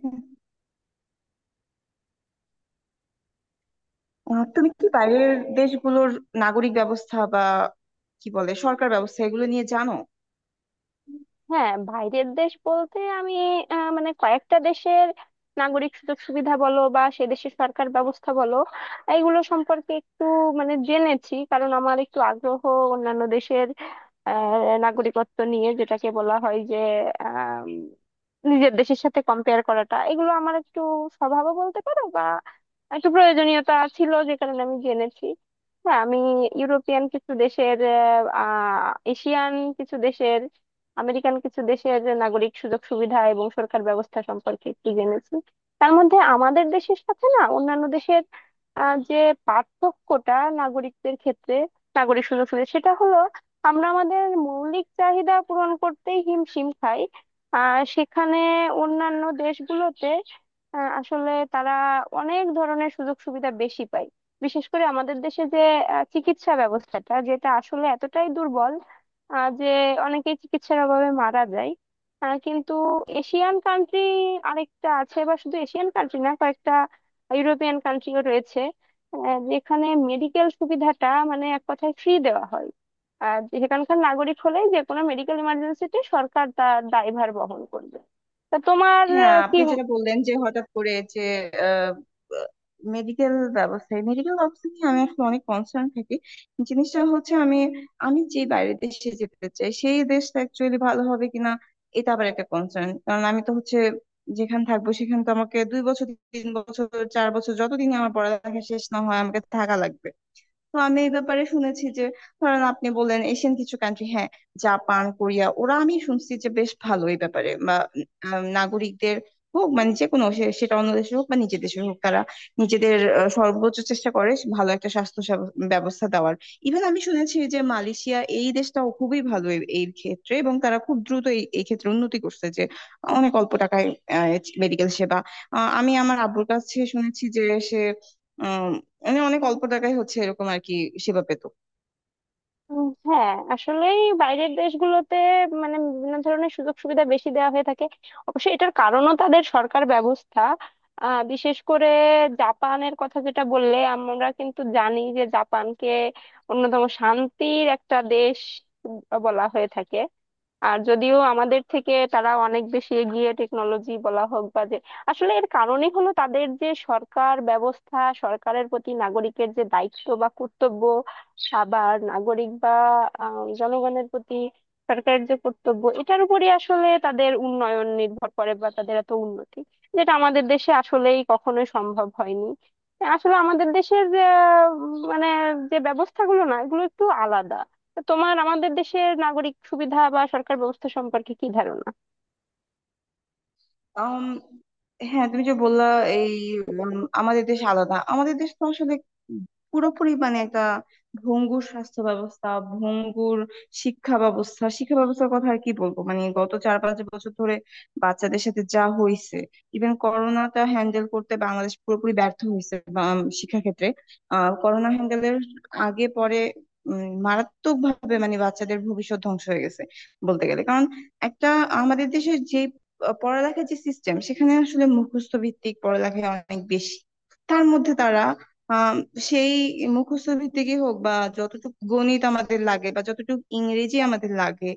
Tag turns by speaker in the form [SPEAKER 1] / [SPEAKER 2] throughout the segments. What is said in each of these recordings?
[SPEAKER 1] হুম। তুমি কি বাইরের দেশগুলোর নাগরিক ব্যবস্থা বা কি বলে সরকার ব্যবস্থা এগুলো নিয়ে জানো?
[SPEAKER 2] হ্যাঁ, বাইরের দেশ বলতে আমি মানে কয়েকটা দেশের নাগরিক সুযোগ সুবিধা বলো বা সে দেশের সরকার ব্যবস্থা বলো, এইগুলো সম্পর্কে একটু মানে জেনেছি, কারণ আমার একটু আগ্রহ অন্যান্য দেশের নাগরিকত্ব নিয়ে, যেটাকে বলা হয় যে আম, নিজের দেশের সাথে কম্পেয়ার করাটা এগুলো আমার একটু স্বভাবও বলতে পারো, বা একটু প্রয়োজনীয়তা ছিল, যে কারণে আমি জেনেছি। হ্যাঁ, আমি ইউরোপিয়ান কিছু দেশের, আহ এশিয়ান কিছু দেশের, আমেরিকান কিছু দেশের নাগরিক সুযোগ সুবিধা এবং সরকার ব্যবস্থা সম্পর্কে একটু জেনেছি। তার মধ্যে আমাদের দেশের সাথে না অন্যান্য দেশের যে পার্থক্যটা নাগরিকদের ক্ষেত্রে, নাগরিক সুযোগ সুবিধা, সেটা হলো আমরা আমাদের মৌলিক চাহিদা পূরণ করতেই হিমশিম খাই। সেখানে অন্যান্য দেশগুলোতে আসলে তারা অনেক ধরনের সুযোগ সুবিধা বেশি পায়। বিশেষ করে আমাদের দেশে যে চিকিৎসা ব্যবস্থাটা, যেটা আসলে এতটাই দুর্বল যে অনেকেই চিকিৎসার অভাবে মারা যায়। কিন্তু এশিয়ান কান্ট্রি আরেকটা আছে, বা শুধু এশিয়ান কান্ট্রি না, কয়েকটা ইউরোপিয়ান কান্ট্রিও রয়েছে যেখানে মেডিকেল সুবিধাটা মানে এক কথায় ফ্রি দেওয়া হয়। আর সেখানকার নাগরিক হলে যে কোনো মেডিকেল ইমার্জেন্সিতে সরকার তার দায়ভার বহন করবে। তা তোমার
[SPEAKER 1] হ্যাঁ,
[SPEAKER 2] কি?
[SPEAKER 1] আপনি যেটা বললেন যে হঠাৎ করে যে মেডিকেল মেডিকেল ব্যবস্থা নিয়ে আমি আসলে অনেক কনসার্ন থাকি। জিনিসটা হচ্ছে আমি আমি যে বাইরের দেশে যেতে চাই সেই দেশটা অ্যাকচুয়ালি ভালো হবে কিনা এটা আবার একটা কনসার্ন। কারণ আমি তো হচ্ছে যেখানে থাকবো সেখানে তো আমাকে 2 বছর, 3 বছর, 4 বছর, যতদিন আমার পড়ালেখা শেষ না হয় আমাকে থাকা লাগবে। তো আমি এই ব্যাপারে শুনেছি যে, ধরেন আপনি বললেন এশিয়ান কিছু কান্ট্রি, হ্যাঁ, জাপান কোরিয়া, ওরা আমি শুনছি যে বেশ ভালো এই ব্যাপারে। বা নাগরিকদের হোক, মানে যে কোনো, সেটা অন্য দেশে হোক বা নিজের দেশে হোক, তারা নিজেদের সর্বোচ্চ চেষ্টা করে ভালো একটা স্বাস্থ্য ব্যবস্থা দেওয়ার। ইভেন আমি শুনেছি যে মালয়েশিয়া, এই দেশটাও খুবই ভালো এই এই ক্ষেত্রে, এবং তারা খুব দ্রুত এই এই ক্ষেত্রে উন্নতি করছে। যে অনেক অল্প টাকায় মেডিকেল সেবা, আমি আমার আব্বুর কাছে শুনেছি যে সে মানে অনেক অল্প টাকায় হচ্ছে এরকম আর কি সেবা পেত।
[SPEAKER 2] হ্যাঁ, আসলেই বাইরের দেশগুলোতে মানে বিভিন্ন ধরনের সুযোগ সুবিধা বেশি দেওয়া হয়ে থাকে। অবশ্যই এটার কারণও তাদের সরকার ব্যবস্থা। বিশেষ করে জাপানের কথা যেটা বললে, আমরা কিন্তু জানি যে জাপানকে অন্যতম শান্তির একটা দেশ বলা হয়ে থাকে। আর যদিও আমাদের থেকে তারা অনেক বেশি এগিয়ে, টেকনোলজি বলা হোক বা যে, আসলে এর কারণই হলো তাদের যে সরকার ব্যবস্থা, সরকারের প্রতি নাগরিকের যে দায়িত্ব বা কর্তব্য, আবার নাগরিক বা জনগণের প্রতি সরকারের যে কর্তব্য, এটার উপরই আসলে তাদের উন্নয়ন নির্ভর করে বা তাদের এত উন্নতি, যেটা আমাদের দেশে আসলেই কখনোই সম্ভব হয়নি। আসলে আমাদের দেশের যে মানে যে ব্যবস্থাগুলো না, এগুলো একটু আলাদা। তো তোমার আমাদের দেশের নাগরিক সুবিধা বা সরকার ব্যবস্থা সম্পর্কে কি ধারণা?
[SPEAKER 1] আম, হ্যাঁ, তুমি যে বললা, এই উম, আমাদের দেশ আলাদা, আমাদের দেশ তো আসলে পুরোপুরি মানে একটা ভঙ্গুর স্বাস্থ্য ব্যবস্থা, ভঙ্গুর শিক্ষা ব্যবস্থা। শিক্ষা ব্যবস্থার কথা আর কি বলবো, মানে গত 4-5 বছর ধরে বাচ্চাদের সাথে যা হয়েছে, ইভেন করোনাটা হ্যান্ডেল করতে বাংলাদেশ পুরোপুরি ব্যর্থ হয়েছে শিক্ষা ক্ষেত্রে। করোনা হ্যান্ডেলের আগে পরে মারাত্মক ভাবে মানে বাচ্চাদের ভবিষ্যৎ ধ্বংস হয়ে গেছে বলতে গেলে। কারণ একটা, আমাদের দেশে যে পড়ালেখার যে সিস্টেম, সেখানে আসলে মুখস্থ ভিত্তিক পড়ালেখা অনেক বেশি। তার মধ্যে তারা আহ সেই মুখস্থ ভিত্তিকই হোক বা যতটুকু গণিত আমাদের লাগে বা যতটুকু ইংরেজি আমাদের লাগে,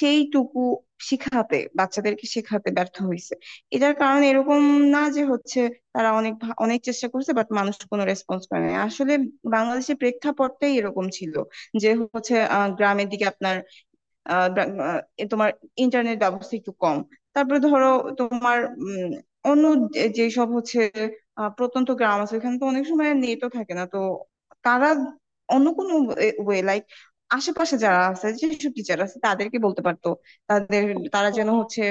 [SPEAKER 1] সেইটুকু শিখাতে, বাচ্চাদেরকে শেখাতে ব্যর্থ হয়েছে। এটার কারণ এরকম না যে হচ্ছে তারা অনেক অনেক চেষ্টা করছে, বাট মানুষ কোনো রেসপন্স করে না আসলে। বাংলাদেশের প্রেক্ষাপটটাই এরকম ছিল যে হচ্ছে গ্রামের দিকে আপনার আহ ব্রা- আহ, এ তোমার ইন্টারনেট ব্যবস্থা একটু কম। তারপরে ধরো তোমার উম, অন্য যে সব হচ্ছে প্রত্যন্ত গ্রাম আছে, ওখানে তো অনেক সময় নেটও থাকে না। তো তারা অন্য কোনো ওয়ে লাইক আশেপাশে যারা আছে, যেসব টিচার আছে, তাদেরকে বলতে পারতো, তাদের, তারা যেন
[SPEAKER 2] হ্যাঁ,
[SPEAKER 1] হচ্ছে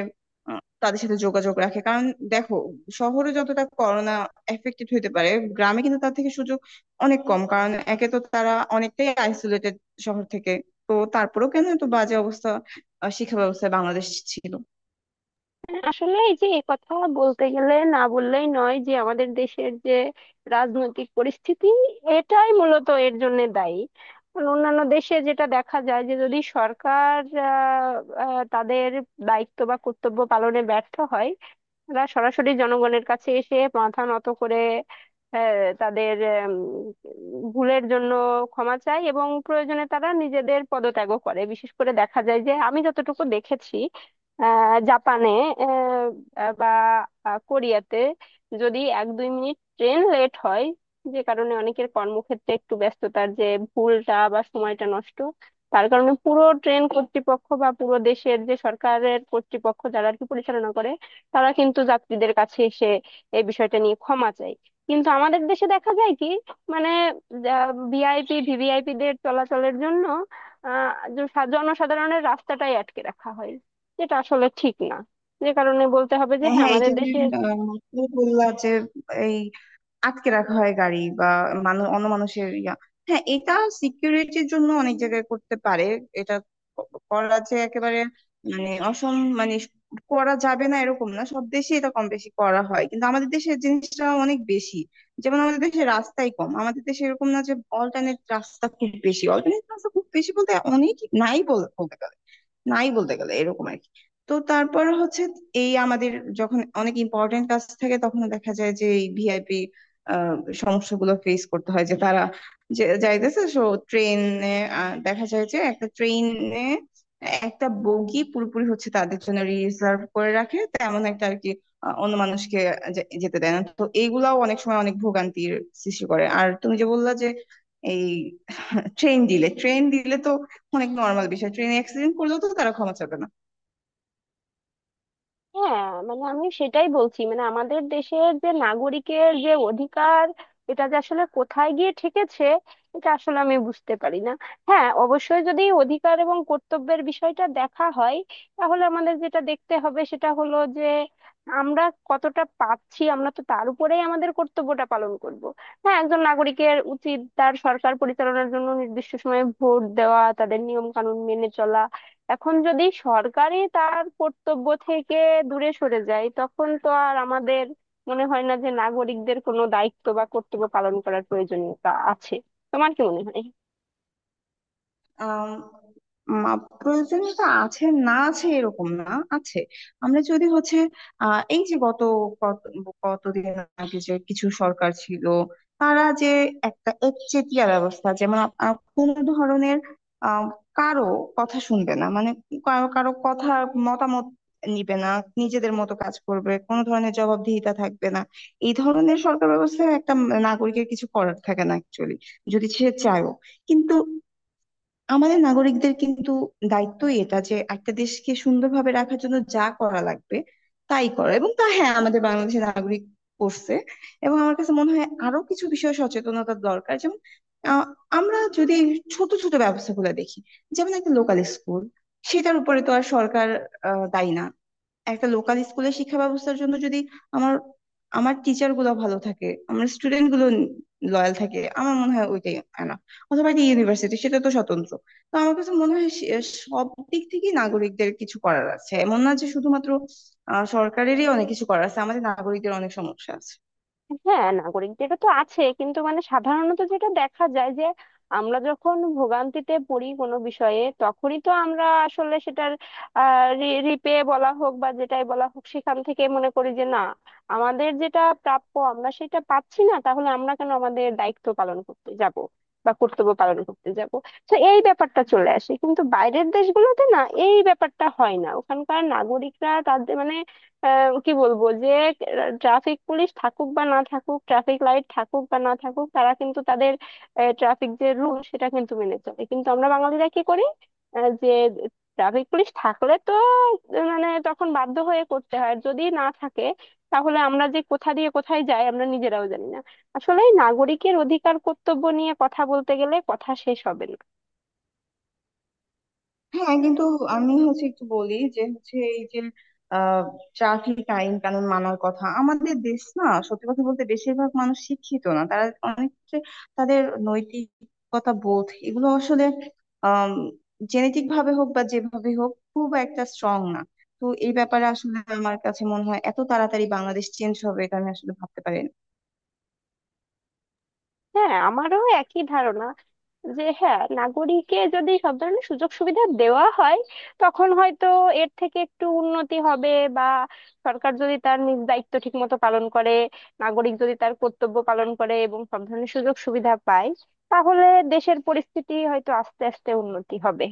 [SPEAKER 1] তাদের সাথে যোগাযোগ রাখে। কারণ দেখো, শহরে যতটা করোনা এফেক্টেড হতে পারে, গ্রামে কিন্তু তার থেকে সুযোগ অনেক কম, কারণ একে তো তারা অনেকটাই আইসোলেটেড শহর থেকে। তো তারপরেও কেন এত বাজে অবস্থা শিক্ষা ব্যবস্থায় বাংলাদেশ ছিল।
[SPEAKER 2] আসলে এই যে এই কথা বলতে গেলে না বললেই নয় যে আমাদের দেশের যে রাজনৈতিক পরিস্থিতি, এটাই মূলত এর জন্য দায়ী। কারণ অন্যান্য দেশে যেটা দেখা যায় যে যদি সরকার আহ, আহ, তাদের দায়িত্ব বা কর্তব্য পালনে ব্যর্থ হয়, এরা সরাসরি জনগণের কাছে এসে মাথা নত করে, তাদের ভুলের জন্য ক্ষমা চায়, এবং প্রয়োজনে তারা নিজেদের পদত্যাগও করে। বিশেষ করে দেখা যায় যে, আমি যতটুকু দেখেছি, জাপানে আহ, বা কোরিয়াতে যদি এক দুই মিনিট ট্রেন লেট হয়, যে কারণে অনেকের কর্মক্ষেত্রে একটু ব্যস্ততার যে ভুলটা বা সময়টা নষ্ট, তার কারণে পুরো ট্রেন কর্তৃপক্ষ বা পুরো দেশের যে সরকারের কর্তৃপক্ষ যারা আর কি পরিচালনা করে, তারা কিন্তু যাত্রীদের কাছে এসে এই বিষয়টা নিয়ে ক্ষমা চায়। কিন্তু আমাদের দেশে দেখা যায় কি, মানে ভিআইপি ভিভিআইপি দের চলাচলের জন্য আহ জনসাধারণের রাস্তাটাই আটকে রাখা হয়, যেটা আসলে ঠিক না। যে কারণে বলতে হবে যে হ্যাঁ
[SPEAKER 1] হ্যাঁ এই
[SPEAKER 2] আমাদের
[SPEAKER 1] যে তুমি
[SPEAKER 2] দেশে।
[SPEAKER 1] মাত্র বললা যে এই আটকে রাখা হয় গাড়ি বা মানুষ, অন্য মানুষের ইয়া, হ্যাঁ, এটা সিকিউরিটির জন্য অনেক জায়গায় করতে পারে। এটা করা যে একেবারে মানে অসম মানে করা যাবে না এরকম না, সব দেশে এটা কম বেশি করা হয়, কিন্তু আমাদের দেশে জিনিসটা অনেক বেশি। যেমন আমাদের দেশে রাস্তাই কম, আমাদের দেশে এরকম না যে অল্টারনেট রাস্তা খুব বেশি। অল্টারনেট রাস্তা খুব বেশি বলতে অনেক, বলতে গেলে নাই, বলতে গেলে এরকম আর কি। তো তারপর হচ্ছে এই আমাদের যখন অনেক ইম্পর্টেন্ট কাজ থাকে, তখন দেখা যায় যে এই ভিআইপি আহ সমস্যাগুলো ফেস করতে হয়। যে তারা যে যাইতেছে, সো ট্রেনে, দেখা যায় যে একটা ট্রেনে একটা বগি পুরোপুরি হচ্ছে তাদের জন্য রিজার্ভ করে রাখে তেমন একটা আর কি। অন্য মানুষকে যেতে দেয় না। তো এইগুলাও অনেক সময় অনেক ভোগান্তির সৃষ্টি করে। আর তুমি যে বললা যে এই ট্রেন দিলে তো অনেক নর্মাল বিষয়, ট্রেনে অ্যাক্সিডেন্ট করলেও তো তারা ক্ষমা চাবে না।
[SPEAKER 2] হ্যাঁ, মানে আমি সেটাই বলছি, মানে আমাদের দেশের যে নাগরিকের যে অধিকার, এটা যে আসলে কোথায় গিয়ে ঠেকেছে এটা আসলে আমি বুঝতে পারি না। হ্যাঁ, অবশ্যই যদি অধিকার এবং কর্তব্যের বিষয়টা দেখা হয়, তাহলে আমাদের যেটা দেখতে হবে সেটা হলো যে আমরা কতটা পাচ্ছি, আমরা তো তার উপরেই আমাদের কর্তব্যটা পালন করব। হ্যাঁ, একজন নাগরিকের উচিত তার সরকার পরিচালনার জন্য নির্দিষ্ট সময়ে ভোট দেওয়া, তাদের নিয়ম কানুন মেনে চলা। এখন যদি সরকারই তার কর্তব্য থেকে দূরে সরে যায়, তখন তো আর আমাদের মনে হয় না যে নাগরিকদের কোনো দায়িত্ব বা কর্তব্য পালন করার প্রয়োজনীয়তা আছে। তোমার কি মনে হয়?
[SPEAKER 1] আম, মা প্রয়োজনীয়তা আছে না আছে এরকম না, আছে। আমরা যদি হচ্ছে এই যে গত কত কতদিন আগে যে কিছু সরকার ছিল, তারা যে একটা একচেটিয়া ব্যবস্থা, যেমন কোনো ধরনের আহ কারো কথা শুনবে না, মানে কারো, কারো কথা, মতামত নিবে না, নিজেদের মতো কাজ করবে, কোনো ধরনের জবাবদিহিতা থাকবে না। এই ধরনের সরকার ব্যবস্থায় একটা নাগরিকের কিছু করার থাকে না অ্যাকচুয়ালি, যদি সে চায়ও। কিন্তু আমাদের নাগরিকদের কিন্তু দায়িত্বই এটা যে একটা দেশকে সুন্দরভাবে রাখার জন্য যা করা লাগবে তাই করা, এবং তা হ্যাঁ আমাদের বাংলাদেশের নাগরিক করছে। এবং আমার কাছে মনে হয় আরো কিছু বিষয়ে সচেতনতা দরকার, যেমন আহ, আমরা যদি এই ছোট ছোট ব্যবস্থাগুলো দেখি, যেমন একটা লোকাল স্কুল, সেটার উপরে তো আর সরকার দায়ী না। একটা লোকাল স্কুলের শিক্ষা ব্যবস্থার জন্য যদি আমার আমার টিচার গুলো ভালো থাকে, আমার স্টুডেন্ট গুলো লয়াল থাকে, আমার মনে হয় ওইটাই এনাফ। অথবা একটা ইউনিভার্সিটি, সেটা তো স্বতন্ত্র। তো আমার কাছে মনে হয় সব দিক থেকেই নাগরিকদের কিছু করার আছে, এমন না যে শুধুমাত্র সরকারেরই অনেক কিছু করার আছে, আমাদের নাগরিকদের অনেক সমস্যা আছে।
[SPEAKER 2] হ্যাঁ, নাগরিকদের তো আছে, কিন্তু মানে সাধারণত যেটা দেখা যায় যে আমরা যখন ভোগান্তিতে পড়ি কোনো বিষয়ে, তখনই তো আমরা আসলে সেটার রিপে বলা হোক বা যেটাই বলা হোক, সেখান থেকে মনে করি যে না, আমাদের যেটা প্রাপ্য আমরা সেটা পাচ্ছি না, তাহলে আমরা কেন আমাদের দায়িত্ব পালন করতে যাব বা কর্তব্য পালন করতে যাব। তো এই ব্যাপারটা চলে আসে, কিন্তু বাইরের দেশগুলোতে না, এই ব্যাপারটা হয় না। ওখানকার নাগরিকরা তাদের মানে কি বলবো যে, ট্রাফিক পুলিশ থাকুক বা না থাকুক, ট্রাফিক লাইট থাকুক বা না থাকুক, তারা কিন্তু তাদের ট্রাফিক যে রুল সেটা কিন্তু মেনে চলে। কিন্তু আমরা বাঙালিরা কি করি? যে ট্রাফিক পুলিশ থাকলে তো মানে তখন বাধ্য হয়ে করতে হয়, আর যদি না থাকে তাহলে আমরা যে কোথা দিয়ে কোথায় যাই আমরা নিজেরাও জানি না। আসলে এই নাগরিকের অধিকার কর্তব্য নিয়ে কথা বলতে গেলে কথা শেষ হবে না।
[SPEAKER 1] হ্যাঁ কিন্তু আমি হচ্ছে একটু বলি যে হচ্ছে এই যে ট্রাফিক আইন কানুন মানার কথা, আমাদের দেশ না সত্যি কথা বলতে বেশিরভাগ মানুষ শিক্ষিত না, তারা অনেক ক্ষেত্রে তাদের নৈতিকতা বোধ এগুলো আসলে আহ জেনেটিক ভাবে হোক বা যেভাবে হোক খুব একটা স্ট্রং না। তো এই ব্যাপারে আসলে আমার কাছে মনে হয় এত তাড়াতাড়ি বাংলাদেশ চেঞ্জ হবে এটা আমি আসলে ভাবতে পারি
[SPEAKER 2] হ্যাঁ, আমারও একই ধারণা যে হ্যাঁ, নাগরিককে যদি সব ধরনের সুযোগ সুবিধা দেওয়া হয়, তখন হয়তো এর থেকে একটু উন্নতি হবে। বা সরকার যদি তার নিজ দায়িত্ব ঠিক মতো পালন করে, নাগরিক যদি তার কর্তব্য পালন করে এবং সব ধরনের সুযোগ সুবিধা পায়, তাহলে দেশের পরিস্থিতি হয়তো আস্তে আস্তে উন্নতি হবে।